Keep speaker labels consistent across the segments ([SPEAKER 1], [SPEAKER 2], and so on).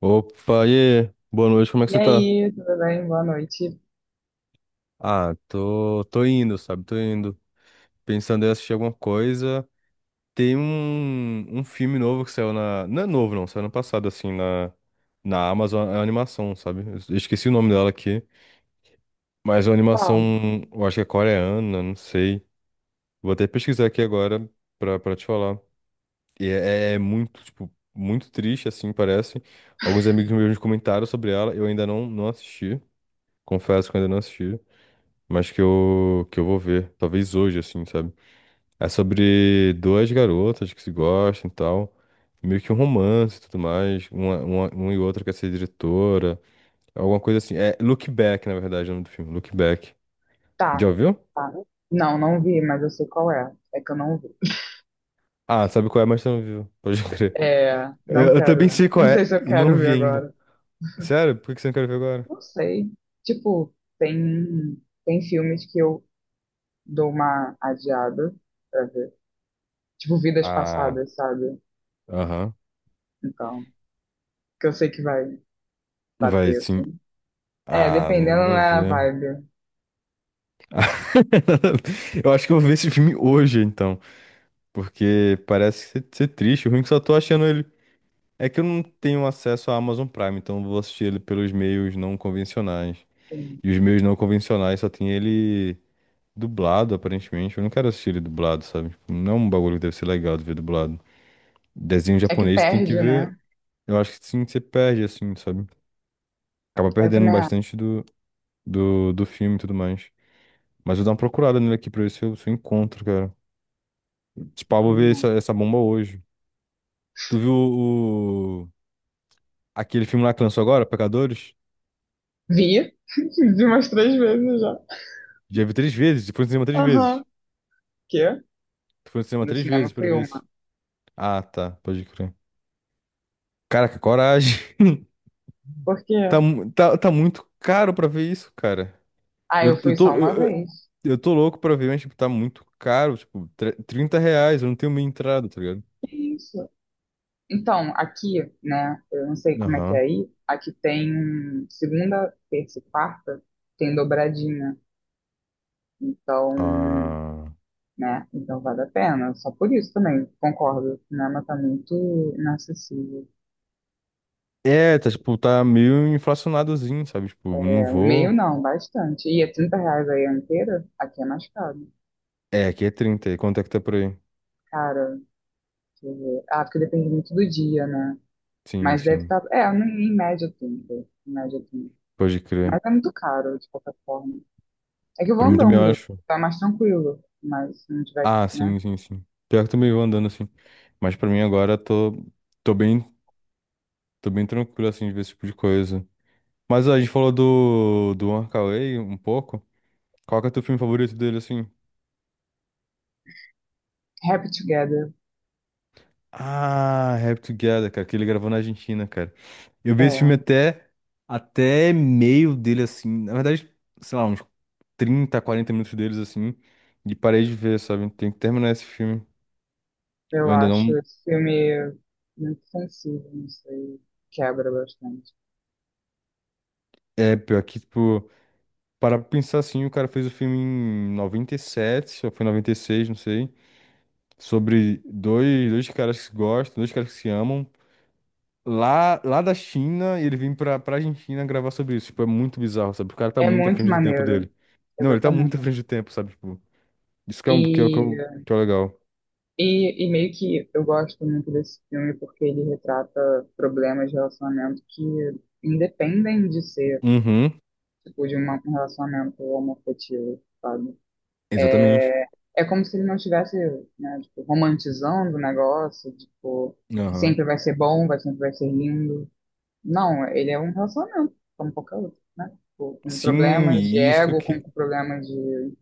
[SPEAKER 1] Opa, e aí? Boa noite, como é que
[SPEAKER 2] E
[SPEAKER 1] você tá?
[SPEAKER 2] aí, tudo bem? Boa noite.
[SPEAKER 1] Ah, tô indo, sabe? Tô indo. Pensando em assistir alguma coisa. Tem um filme novo que saiu na. Não é novo, não, saiu ano passado, assim, na, na Amazon, é uma animação, sabe? Eu esqueci o nome dela aqui. Mas é uma animação,
[SPEAKER 2] Qual?
[SPEAKER 1] eu acho que é coreana, não sei. Vou até pesquisar aqui agora pra te falar. E é muito, tipo, muito triste, assim, parece. Alguns amigos meus comentaram sobre ela, eu ainda não assisti. Confesso que eu ainda não assisti. Mas que eu vou ver, talvez hoje, assim, sabe? É sobre duas garotas que se gostam e tal, meio que um romance e tudo mais, uma e outra quer ser diretora, alguma coisa assim. É Look Back, na verdade, é o nome do filme, Look Back. Já
[SPEAKER 2] Tá,
[SPEAKER 1] ouviu?
[SPEAKER 2] tá. Não, não vi, mas eu sei qual é. É que eu não vi.
[SPEAKER 1] Ah, sabe qual é, mas você não viu, pode crer.
[SPEAKER 2] É, não
[SPEAKER 1] Eu também
[SPEAKER 2] quero, né?
[SPEAKER 1] sei qual
[SPEAKER 2] Não sei
[SPEAKER 1] é
[SPEAKER 2] se eu
[SPEAKER 1] e não
[SPEAKER 2] quero ver
[SPEAKER 1] vi ainda.
[SPEAKER 2] agora.
[SPEAKER 1] Sério? Por que que você não quer ver agora?
[SPEAKER 2] Não sei. Tipo, tem filmes que eu dou uma adiada pra ver. Tipo, Vidas
[SPEAKER 1] Ah,
[SPEAKER 2] Passadas, sabe?
[SPEAKER 1] aham.
[SPEAKER 2] Então, que eu sei que vai
[SPEAKER 1] Vai,
[SPEAKER 2] bater,
[SPEAKER 1] sim.
[SPEAKER 2] assim. É,
[SPEAKER 1] Ah,
[SPEAKER 2] dependendo
[SPEAKER 1] nada a
[SPEAKER 2] da
[SPEAKER 1] ver.
[SPEAKER 2] vibe.
[SPEAKER 1] Eu acho que eu vou ver esse filme hoje, então. Porque parece ser triste, o ruim é que só tô achando ele. É que eu não tenho acesso à Amazon Prime, então eu vou assistir ele pelos meios não convencionais.
[SPEAKER 2] Sim.
[SPEAKER 1] E os meios não convencionais só tem ele dublado, aparentemente. Eu não quero assistir ele dublado, sabe? Tipo, não é um bagulho que deve ser legal de ver dublado. Desenho
[SPEAKER 2] É que
[SPEAKER 1] japonês você tem que
[SPEAKER 2] perde,
[SPEAKER 1] ver.
[SPEAKER 2] né?
[SPEAKER 1] Eu acho que sim, você perde, assim, sabe? Acaba
[SPEAKER 2] Eu
[SPEAKER 1] perdendo
[SPEAKER 2] também acho.
[SPEAKER 1] bastante do filme e tudo mais. Mas eu vou dar uma procurada nele aqui pra ver se eu encontro, cara. Tipo, ah, vou
[SPEAKER 2] Também
[SPEAKER 1] ver
[SPEAKER 2] acho.
[SPEAKER 1] essa bomba hoje. Tu viu o. Aquele filme lá que lançou agora, Pecadores,
[SPEAKER 2] Vi, de umas 3 vezes já.
[SPEAKER 1] já vi três vezes, e foi no cinema três vezes.
[SPEAKER 2] Aham. Quê?
[SPEAKER 1] Tu foi no cinema
[SPEAKER 2] No
[SPEAKER 1] três vezes
[SPEAKER 2] cinema
[SPEAKER 1] pra
[SPEAKER 2] foi
[SPEAKER 1] ver
[SPEAKER 2] uma.
[SPEAKER 1] isso. Ah, tá, pode crer. Caraca, coragem.
[SPEAKER 2] Por quê?
[SPEAKER 1] Tá, tá muito caro pra ver isso, cara.
[SPEAKER 2] Ah,
[SPEAKER 1] Eu,
[SPEAKER 2] eu
[SPEAKER 1] eu
[SPEAKER 2] fui só
[SPEAKER 1] tô,
[SPEAKER 2] uma
[SPEAKER 1] eu, eu
[SPEAKER 2] vez.
[SPEAKER 1] eu tô louco pra ver, mas, tipo, tá muito caro. Tipo, R$ 30, eu não tenho meia entrada, tá ligado?
[SPEAKER 2] Que isso? Então, aqui, né, eu não sei como é que é
[SPEAKER 1] Aham.
[SPEAKER 2] aí, aqui tem segunda, terça e quarta, tem dobradinha. Então,
[SPEAKER 1] Ah.
[SPEAKER 2] né, então vale a pena. Só por isso também, concordo. O cinema tá muito inacessível.
[SPEAKER 1] É, tá, tipo, tá meio inflacionadozinho, sabe? Tipo, não
[SPEAKER 2] É, o meio
[SPEAKER 1] vou.
[SPEAKER 2] não, bastante. E é 30 reais aí a inteira, aqui é mais caro.
[SPEAKER 1] É, aqui é 30. E quanto é que tá por aí?
[SPEAKER 2] Cara, deixa eu ver. Ah, porque depende muito do dia, né?
[SPEAKER 1] Sim,
[SPEAKER 2] Mas deve
[SPEAKER 1] sim.
[SPEAKER 2] estar. É, em média 30. Em média 30.
[SPEAKER 1] Pode crer.
[SPEAKER 2] Mas é muito caro, de qualquer forma. É que eu vou
[SPEAKER 1] Pra mim também eu
[SPEAKER 2] andando,
[SPEAKER 1] acho.
[SPEAKER 2] tá mais tranquilo. Mas se não tiver,
[SPEAKER 1] Ah,
[SPEAKER 2] né?
[SPEAKER 1] sim, sim, sim. Pior que também eu andando assim. Mas pra mim agora tô tô bem tranquilo assim de ver esse tipo de coisa. Mas ó, a gente falou do One Kar um pouco. Qual que é o teu filme favorito dele assim?
[SPEAKER 2] Happy Together.
[SPEAKER 1] Ah, Happy Together, cara, que ele gravou na Argentina, cara. Eu vi
[SPEAKER 2] É,
[SPEAKER 1] esse filme até meio dele assim, na verdade, sei lá, uns 30, 40 minutos deles assim, e parei de ver, sabe? Tem que terminar esse filme. Eu
[SPEAKER 2] eu
[SPEAKER 1] ainda não
[SPEAKER 2] acho esse filme muito sensível, não sei. Quebra bastante.
[SPEAKER 1] é pior que tipo para pensar assim, o cara fez o filme em 97, ou foi 96, não sei, sobre dois caras que se gostam, dois caras que se amam, lá da China, e ele vem pra, pra Argentina gravar sobre isso. Tipo, é muito bizarro, sabe? O cara tá
[SPEAKER 2] É
[SPEAKER 1] muito à
[SPEAKER 2] muito
[SPEAKER 1] frente do tempo
[SPEAKER 2] maneiro,
[SPEAKER 1] dele. Não, ele tá muito à
[SPEAKER 2] exatamente.
[SPEAKER 1] frente do tempo, sabe? Tipo, isso que é, um,
[SPEAKER 2] E,
[SPEAKER 1] que é o legal.
[SPEAKER 2] e meio que eu gosto muito desse filme porque ele retrata problemas de relacionamento que independem de ser.
[SPEAKER 1] Uhum,
[SPEAKER 2] Tipo, um relacionamento homoafetivo, sabe?
[SPEAKER 1] exatamente.
[SPEAKER 2] É, é, como se ele não estivesse, né, tipo, romantizando o negócio, tipo, que
[SPEAKER 1] Aham.
[SPEAKER 2] sempre vai ser bom, vai sempre vai ser lindo. Não, ele é um relacionamento, como qualquer outro, né? Tipo, com
[SPEAKER 1] Sim,
[SPEAKER 2] problemas de
[SPEAKER 1] isso
[SPEAKER 2] ego, com
[SPEAKER 1] que,
[SPEAKER 2] problemas de...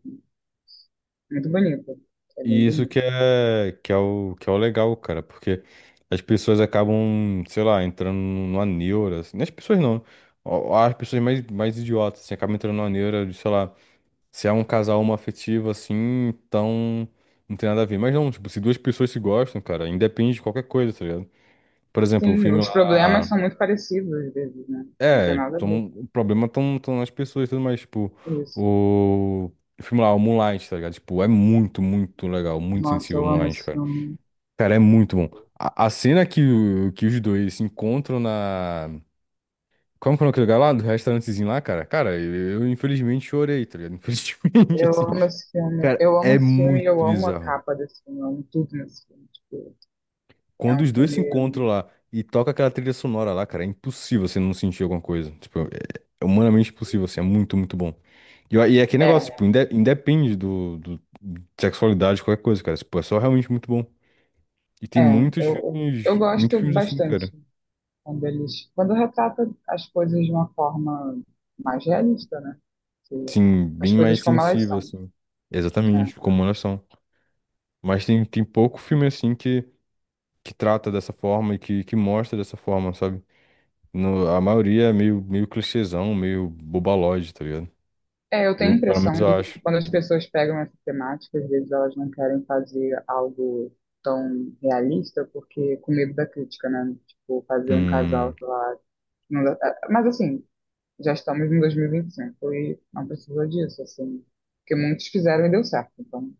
[SPEAKER 2] Muito bonito, é bem
[SPEAKER 1] e isso
[SPEAKER 2] bonito.
[SPEAKER 1] que é o legal, cara, porque as pessoas acabam, sei lá, entrando numa neura, assim, não as pessoas não, ó, as pessoas mais idiotas, assim, acabam entrando numa neura de, sei lá, se é um casal homoafetivo, assim, então não tem nada a ver. Mas não, tipo, se duas pessoas se gostam, cara, independe de qualquer coisa, tá ligado? Por exemplo, o
[SPEAKER 2] Sim,
[SPEAKER 1] filme
[SPEAKER 2] os problemas
[SPEAKER 1] lá,
[SPEAKER 2] são muito parecidos, às vezes, né? Não tem
[SPEAKER 1] é,
[SPEAKER 2] nada a ver,
[SPEAKER 1] tão, o problema estão tão nas pessoas e tudo mais, tipo,
[SPEAKER 2] é isso.
[SPEAKER 1] o... O filme lá, o Moonlight, tá ligado? Tipo, é muito, muito legal, muito
[SPEAKER 2] Nossa,
[SPEAKER 1] sensível o
[SPEAKER 2] eu amo
[SPEAKER 1] Moonlight,
[SPEAKER 2] esse
[SPEAKER 1] cara.
[SPEAKER 2] filme.
[SPEAKER 1] Cara, é muito bom. A cena que, o- que os dois se encontram na. Como que é aquele lugar lá? Do restaurantezinho lá, cara? Cara, eu infelizmente chorei, tá ligado? Infelizmente,
[SPEAKER 2] Eu
[SPEAKER 1] assim.
[SPEAKER 2] amo esse filme.
[SPEAKER 1] Cara,
[SPEAKER 2] Eu amo
[SPEAKER 1] é
[SPEAKER 2] esse filme e eu
[SPEAKER 1] muito
[SPEAKER 2] amo a
[SPEAKER 1] bizarro.
[SPEAKER 2] capa desse filme. Eu amo tudo nesse filme. Tipo, é
[SPEAKER 1] Quando
[SPEAKER 2] um
[SPEAKER 1] os dois se encontram
[SPEAKER 2] filme.
[SPEAKER 1] lá e toca aquela trilha sonora lá, cara, é impossível você não sentir alguma coisa. Tipo, é humanamente impossível, assim, é muito, muito bom. E é aquele negócio, tipo,
[SPEAKER 2] É,
[SPEAKER 1] independe de sexualidade, qualquer coisa, cara. Tipo, é só realmente muito bom. E tem
[SPEAKER 2] é. Eu
[SPEAKER 1] muitos
[SPEAKER 2] gosto
[SPEAKER 1] filmes assim,
[SPEAKER 2] bastante
[SPEAKER 1] cara.
[SPEAKER 2] quando eles. Quando retrata as coisas de uma forma mais realista, né? Que-
[SPEAKER 1] Sim,
[SPEAKER 2] As
[SPEAKER 1] bem mais
[SPEAKER 2] coisas como elas
[SPEAKER 1] sensível,
[SPEAKER 2] são.
[SPEAKER 1] assim.
[SPEAKER 2] Né?
[SPEAKER 1] Exatamente, como elas são. Mas tem pouco filme, assim, que trata dessa forma e que mostra dessa forma, sabe? No, a maioria é meio, meio clichêzão, meio bobalóide, tá ligado?
[SPEAKER 2] É, eu tenho a
[SPEAKER 1] Eu, pelo menos,
[SPEAKER 2] impressão
[SPEAKER 1] eu
[SPEAKER 2] de que
[SPEAKER 1] acho.
[SPEAKER 2] quando as pessoas pegam essa temática, às vezes elas não querem fazer algo tão realista, porque com medo da crítica, né? Tipo, fazer um casal,
[SPEAKER 1] Hum,
[SPEAKER 2] sei lá, não dá- é, mas assim, já estamos em 2025 e vinte e cinco e não precisa disso, assim. Porque muitos fizeram e deu certo. Então,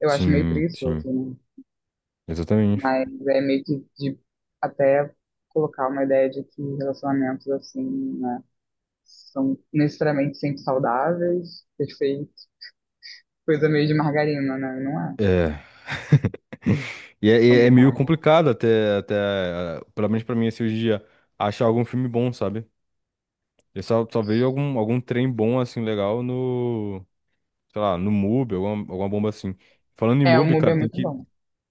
[SPEAKER 2] eu acho meio
[SPEAKER 1] sim, sim,
[SPEAKER 2] preguiçoso, né?
[SPEAKER 1] exatamente.
[SPEAKER 2] Mas é meio que de até colocar uma ideia de que relacionamentos, assim, né, são necessariamente sempre saudáveis, perfeitos. Coisa meio de margarina, né? Não é
[SPEAKER 1] É, e é meio
[SPEAKER 2] complicado.
[SPEAKER 1] complicado até, eh, pelo menos pra mim, esse dia, achar algum filme bom, sabe? Eu só vejo algum trem bom, assim, legal no... sei lá, no MUB, alguma bomba assim. Falando em
[SPEAKER 2] É, o
[SPEAKER 1] MUB,
[SPEAKER 2] Mubi
[SPEAKER 1] cara,
[SPEAKER 2] é muito bom.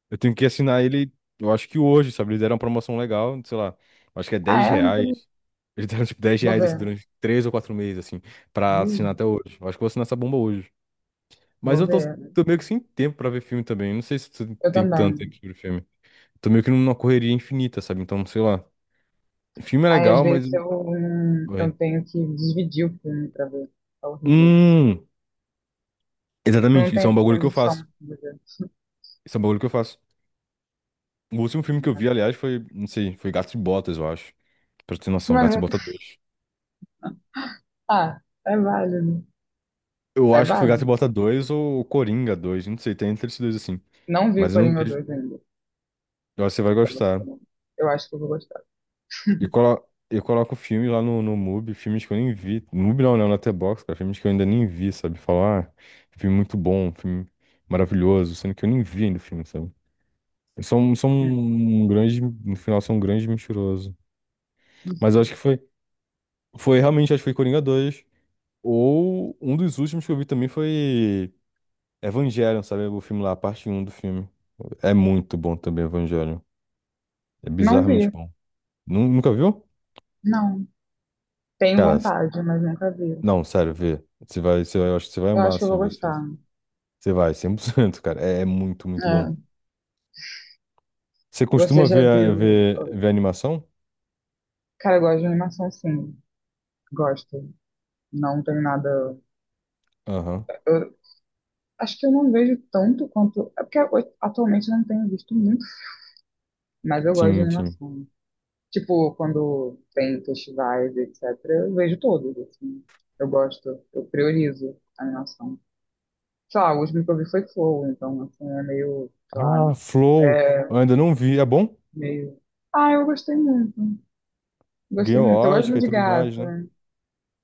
[SPEAKER 1] eu tenho que assinar ele, eu acho que hoje, sabe? Eles deram uma promoção legal, sei lá, acho que é
[SPEAKER 2] Ah,
[SPEAKER 1] 10
[SPEAKER 2] é? Não tô-
[SPEAKER 1] reais. Eles deram tipo 10
[SPEAKER 2] Vou
[SPEAKER 1] reais assim,
[SPEAKER 2] ver.
[SPEAKER 1] durante 3 ou 4 meses, assim, pra assinar
[SPEAKER 2] Hum,
[SPEAKER 1] até hoje. Eu acho que eu vou assinar essa bomba hoje. Mas
[SPEAKER 2] Vou ver.
[SPEAKER 1] tô meio que sem tempo pra ver filme também. Não sei se tu
[SPEAKER 2] Eu
[SPEAKER 1] tem tanto tempo
[SPEAKER 2] também.
[SPEAKER 1] sobre filme. Tô meio que numa correria infinita, sabe? Então, sei lá. Filme é
[SPEAKER 2] Aí às
[SPEAKER 1] legal, mas.
[SPEAKER 2] vezes eu
[SPEAKER 1] Vai.
[SPEAKER 2] tenho que dividir o filme pra ver. É horrível isso.
[SPEAKER 1] Hum,
[SPEAKER 2] Eu não
[SPEAKER 1] exatamente. Isso é
[SPEAKER 2] tenho
[SPEAKER 1] um bagulho que eu
[SPEAKER 2] condição
[SPEAKER 1] faço.
[SPEAKER 2] de ver.
[SPEAKER 1] Isso é um bagulho que eu faço. O último filme que eu vi, aliás, foi, não sei, foi Gato e Botas, eu acho. Pra ter noção, Gato e
[SPEAKER 2] Mas,
[SPEAKER 1] Botas dois.
[SPEAKER 2] ah, é válido.
[SPEAKER 1] Eu
[SPEAKER 2] É
[SPEAKER 1] acho que foi Gato e
[SPEAKER 2] válido.
[SPEAKER 1] Botas 2 ou Coringa 2. Não sei, tem entre esses dois assim.
[SPEAKER 2] Não vi
[SPEAKER 1] Mas eu não
[SPEAKER 2] Coringa
[SPEAKER 1] vejo,
[SPEAKER 2] 2 ainda.
[SPEAKER 1] eu acho que você vai
[SPEAKER 2] Pra você
[SPEAKER 1] gostar.
[SPEAKER 2] falar. Eu acho que eu vou gostar.
[SPEAKER 1] E colo... eu coloco filme lá no MUBI, filmes que eu nem vi. MUBI não, né? No Letterboxd, cara, filmes que eu ainda nem vi, sabe? Falar, ah, filme muito bom, filme maravilhoso, sendo que eu nem vi ainda o filme, sabe? São, são um grande, no final, são um grande mentiroso.
[SPEAKER 2] Não
[SPEAKER 1] Mas eu acho
[SPEAKER 2] sei.
[SPEAKER 1] que foi realmente, acho que foi Coringa 2. Ou um dos últimos que eu vi também foi Evangelion, sabe? O filme lá, a parte um do filme. É muito bom também, Evangelion. É
[SPEAKER 2] Não
[SPEAKER 1] bizarramente
[SPEAKER 2] vi.
[SPEAKER 1] bom. Nunca viu?
[SPEAKER 2] Não. Tenho
[SPEAKER 1] Cara,
[SPEAKER 2] vontade, mas nunca vi.
[SPEAKER 1] não, sério, vê. Você vai, eu acho que você vai
[SPEAKER 2] Eu
[SPEAKER 1] amar,
[SPEAKER 2] acho que eu vou
[SPEAKER 1] assim, ver
[SPEAKER 2] gostar.
[SPEAKER 1] isso. Você vai, 100% cara. É, é muito, muito bom.
[SPEAKER 2] É.
[SPEAKER 1] Você
[SPEAKER 2] Você
[SPEAKER 1] costuma
[SPEAKER 2] já
[SPEAKER 1] ver,
[SPEAKER 2] viu.
[SPEAKER 1] ver animação?
[SPEAKER 2] Cara, eu gosto de animação, sim. Gosto. Não tenho nada.
[SPEAKER 1] Aham.
[SPEAKER 2] Eu, Acho que eu não vejo tanto quanto. É porque atualmente eu não tenho visto muito, mas eu gosto de
[SPEAKER 1] Sim, sim.
[SPEAKER 2] animação. Tipo, quando tem festivais, etc., eu vejo todos, assim. Eu gosto, eu priorizo a animação. Sei lá, o último que eu vi foi Flow, então, assim, é meio, sei lá,
[SPEAKER 1] Ah, Flow.
[SPEAKER 2] é
[SPEAKER 1] Eu ainda não vi. É bom?
[SPEAKER 2] meio. Ah, eu gostei muito. Gostei
[SPEAKER 1] Ganhou
[SPEAKER 2] muito. Eu gosto
[SPEAKER 1] Oscar
[SPEAKER 2] muito
[SPEAKER 1] e
[SPEAKER 2] de
[SPEAKER 1] tudo mais,
[SPEAKER 2] gato.
[SPEAKER 1] né?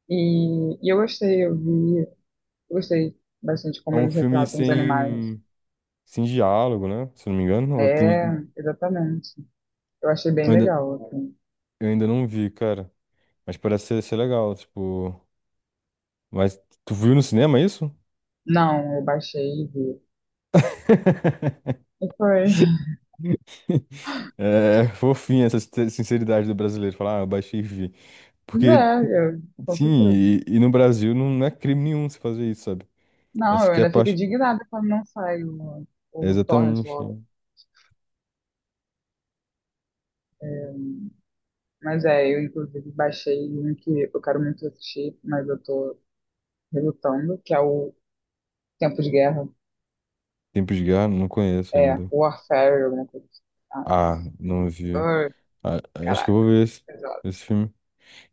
[SPEAKER 2] E eu gostei, eu vi. Eu gostei bastante
[SPEAKER 1] É
[SPEAKER 2] como
[SPEAKER 1] um
[SPEAKER 2] eles
[SPEAKER 1] filme
[SPEAKER 2] retratam os animais.
[SPEAKER 1] sem diálogo, né? Se eu não me engano. Ou
[SPEAKER 2] É,
[SPEAKER 1] tem,
[SPEAKER 2] exatamente. Eu achei bem
[SPEAKER 1] Eu ainda,
[SPEAKER 2] legal, assim.
[SPEAKER 1] eu ainda não vi, cara. Mas parece ser legal, tipo. Mas tu viu no cinema isso?
[SPEAKER 2] Não, eu baixei e vi. E foi.
[SPEAKER 1] É fofinha essa sinceridade do brasileiro, falar, ah, eu baixei e vi.
[SPEAKER 2] Mas
[SPEAKER 1] Porque,
[SPEAKER 2] é, eu, com
[SPEAKER 1] sim,
[SPEAKER 2] certeza.
[SPEAKER 1] e no Brasil não é crime nenhum você fazer isso, sabe?
[SPEAKER 2] Não,
[SPEAKER 1] Essa
[SPEAKER 2] eu
[SPEAKER 1] aqui é a
[SPEAKER 2] ainda fico
[SPEAKER 1] parte.
[SPEAKER 2] indignada quando não sai o,
[SPEAKER 1] É
[SPEAKER 2] o torrent
[SPEAKER 1] exatamente.
[SPEAKER 2] logo.
[SPEAKER 1] Né?
[SPEAKER 2] É, mas é, eu inclusive baixei um que eu quero muito assistir, mas eu tô relutando, que é o Tempo de Guerra.
[SPEAKER 1] Tempos de Guerra, não conheço
[SPEAKER 2] É,
[SPEAKER 1] ainda.
[SPEAKER 2] Warfare, alguma coisa assim. Ah,
[SPEAKER 1] Ah, não vi.
[SPEAKER 2] ai,
[SPEAKER 1] Ah, acho que eu vou
[SPEAKER 2] caraca,
[SPEAKER 1] ver
[SPEAKER 2] pesado.
[SPEAKER 1] esse filme.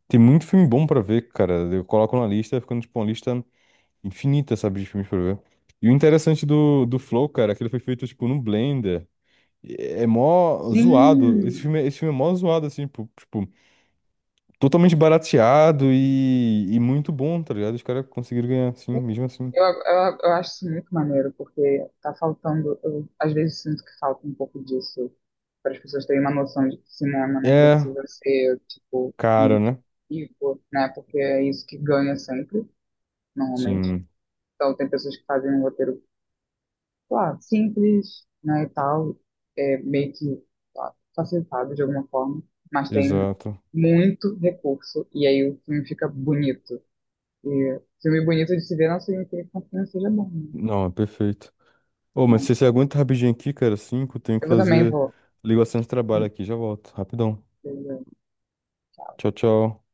[SPEAKER 1] Tem muito filme bom pra ver, cara. Eu coloco na lista, ficando tipo uma lista infinita, sabe, de filmes pra ver. E o interessante do Flow, cara, é que ele foi feito, tipo, no Blender. É é mó zoado.
[SPEAKER 2] Sim!
[SPEAKER 1] Esse filme é mó zoado, assim, pô, tipo, totalmente barateado e muito bom, tá ligado? Os caras conseguiram ganhar, assim, mesmo assim.
[SPEAKER 2] Eu acho isso muito maneiro, porque tá faltando, eu às vezes sinto que falta um pouco disso, para as pessoas terem uma noção de que cinema não
[SPEAKER 1] É
[SPEAKER 2] precisa ser, tipo,
[SPEAKER 1] caro,
[SPEAKER 2] muito
[SPEAKER 1] né?
[SPEAKER 2] rico, né? Porque é isso que ganha sempre, normalmente.
[SPEAKER 1] Sim,
[SPEAKER 2] Então, tem pessoas que fazem um roteiro, sei lá, simples, né, e tal, é, meio que sei lá, facilitado de alguma forma, mas tem
[SPEAKER 1] exato.
[SPEAKER 2] muito recurso, e aí o filme fica bonito. E filme bonito de se ver não significa que o filme seja bom, né?
[SPEAKER 1] Não, é perfeito. Ô, mas se você
[SPEAKER 2] Então,
[SPEAKER 1] aguenta rapidinho aqui, cara, cinco, tenho que
[SPEAKER 2] eu também
[SPEAKER 1] fazer
[SPEAKER 2] vou.
[SPEAKER 1] ligação de trabalho aqui. Já volto, rapidão.
[SPEAKER 2] Beleza.
[SPEAKER 1] Tchau, tchau.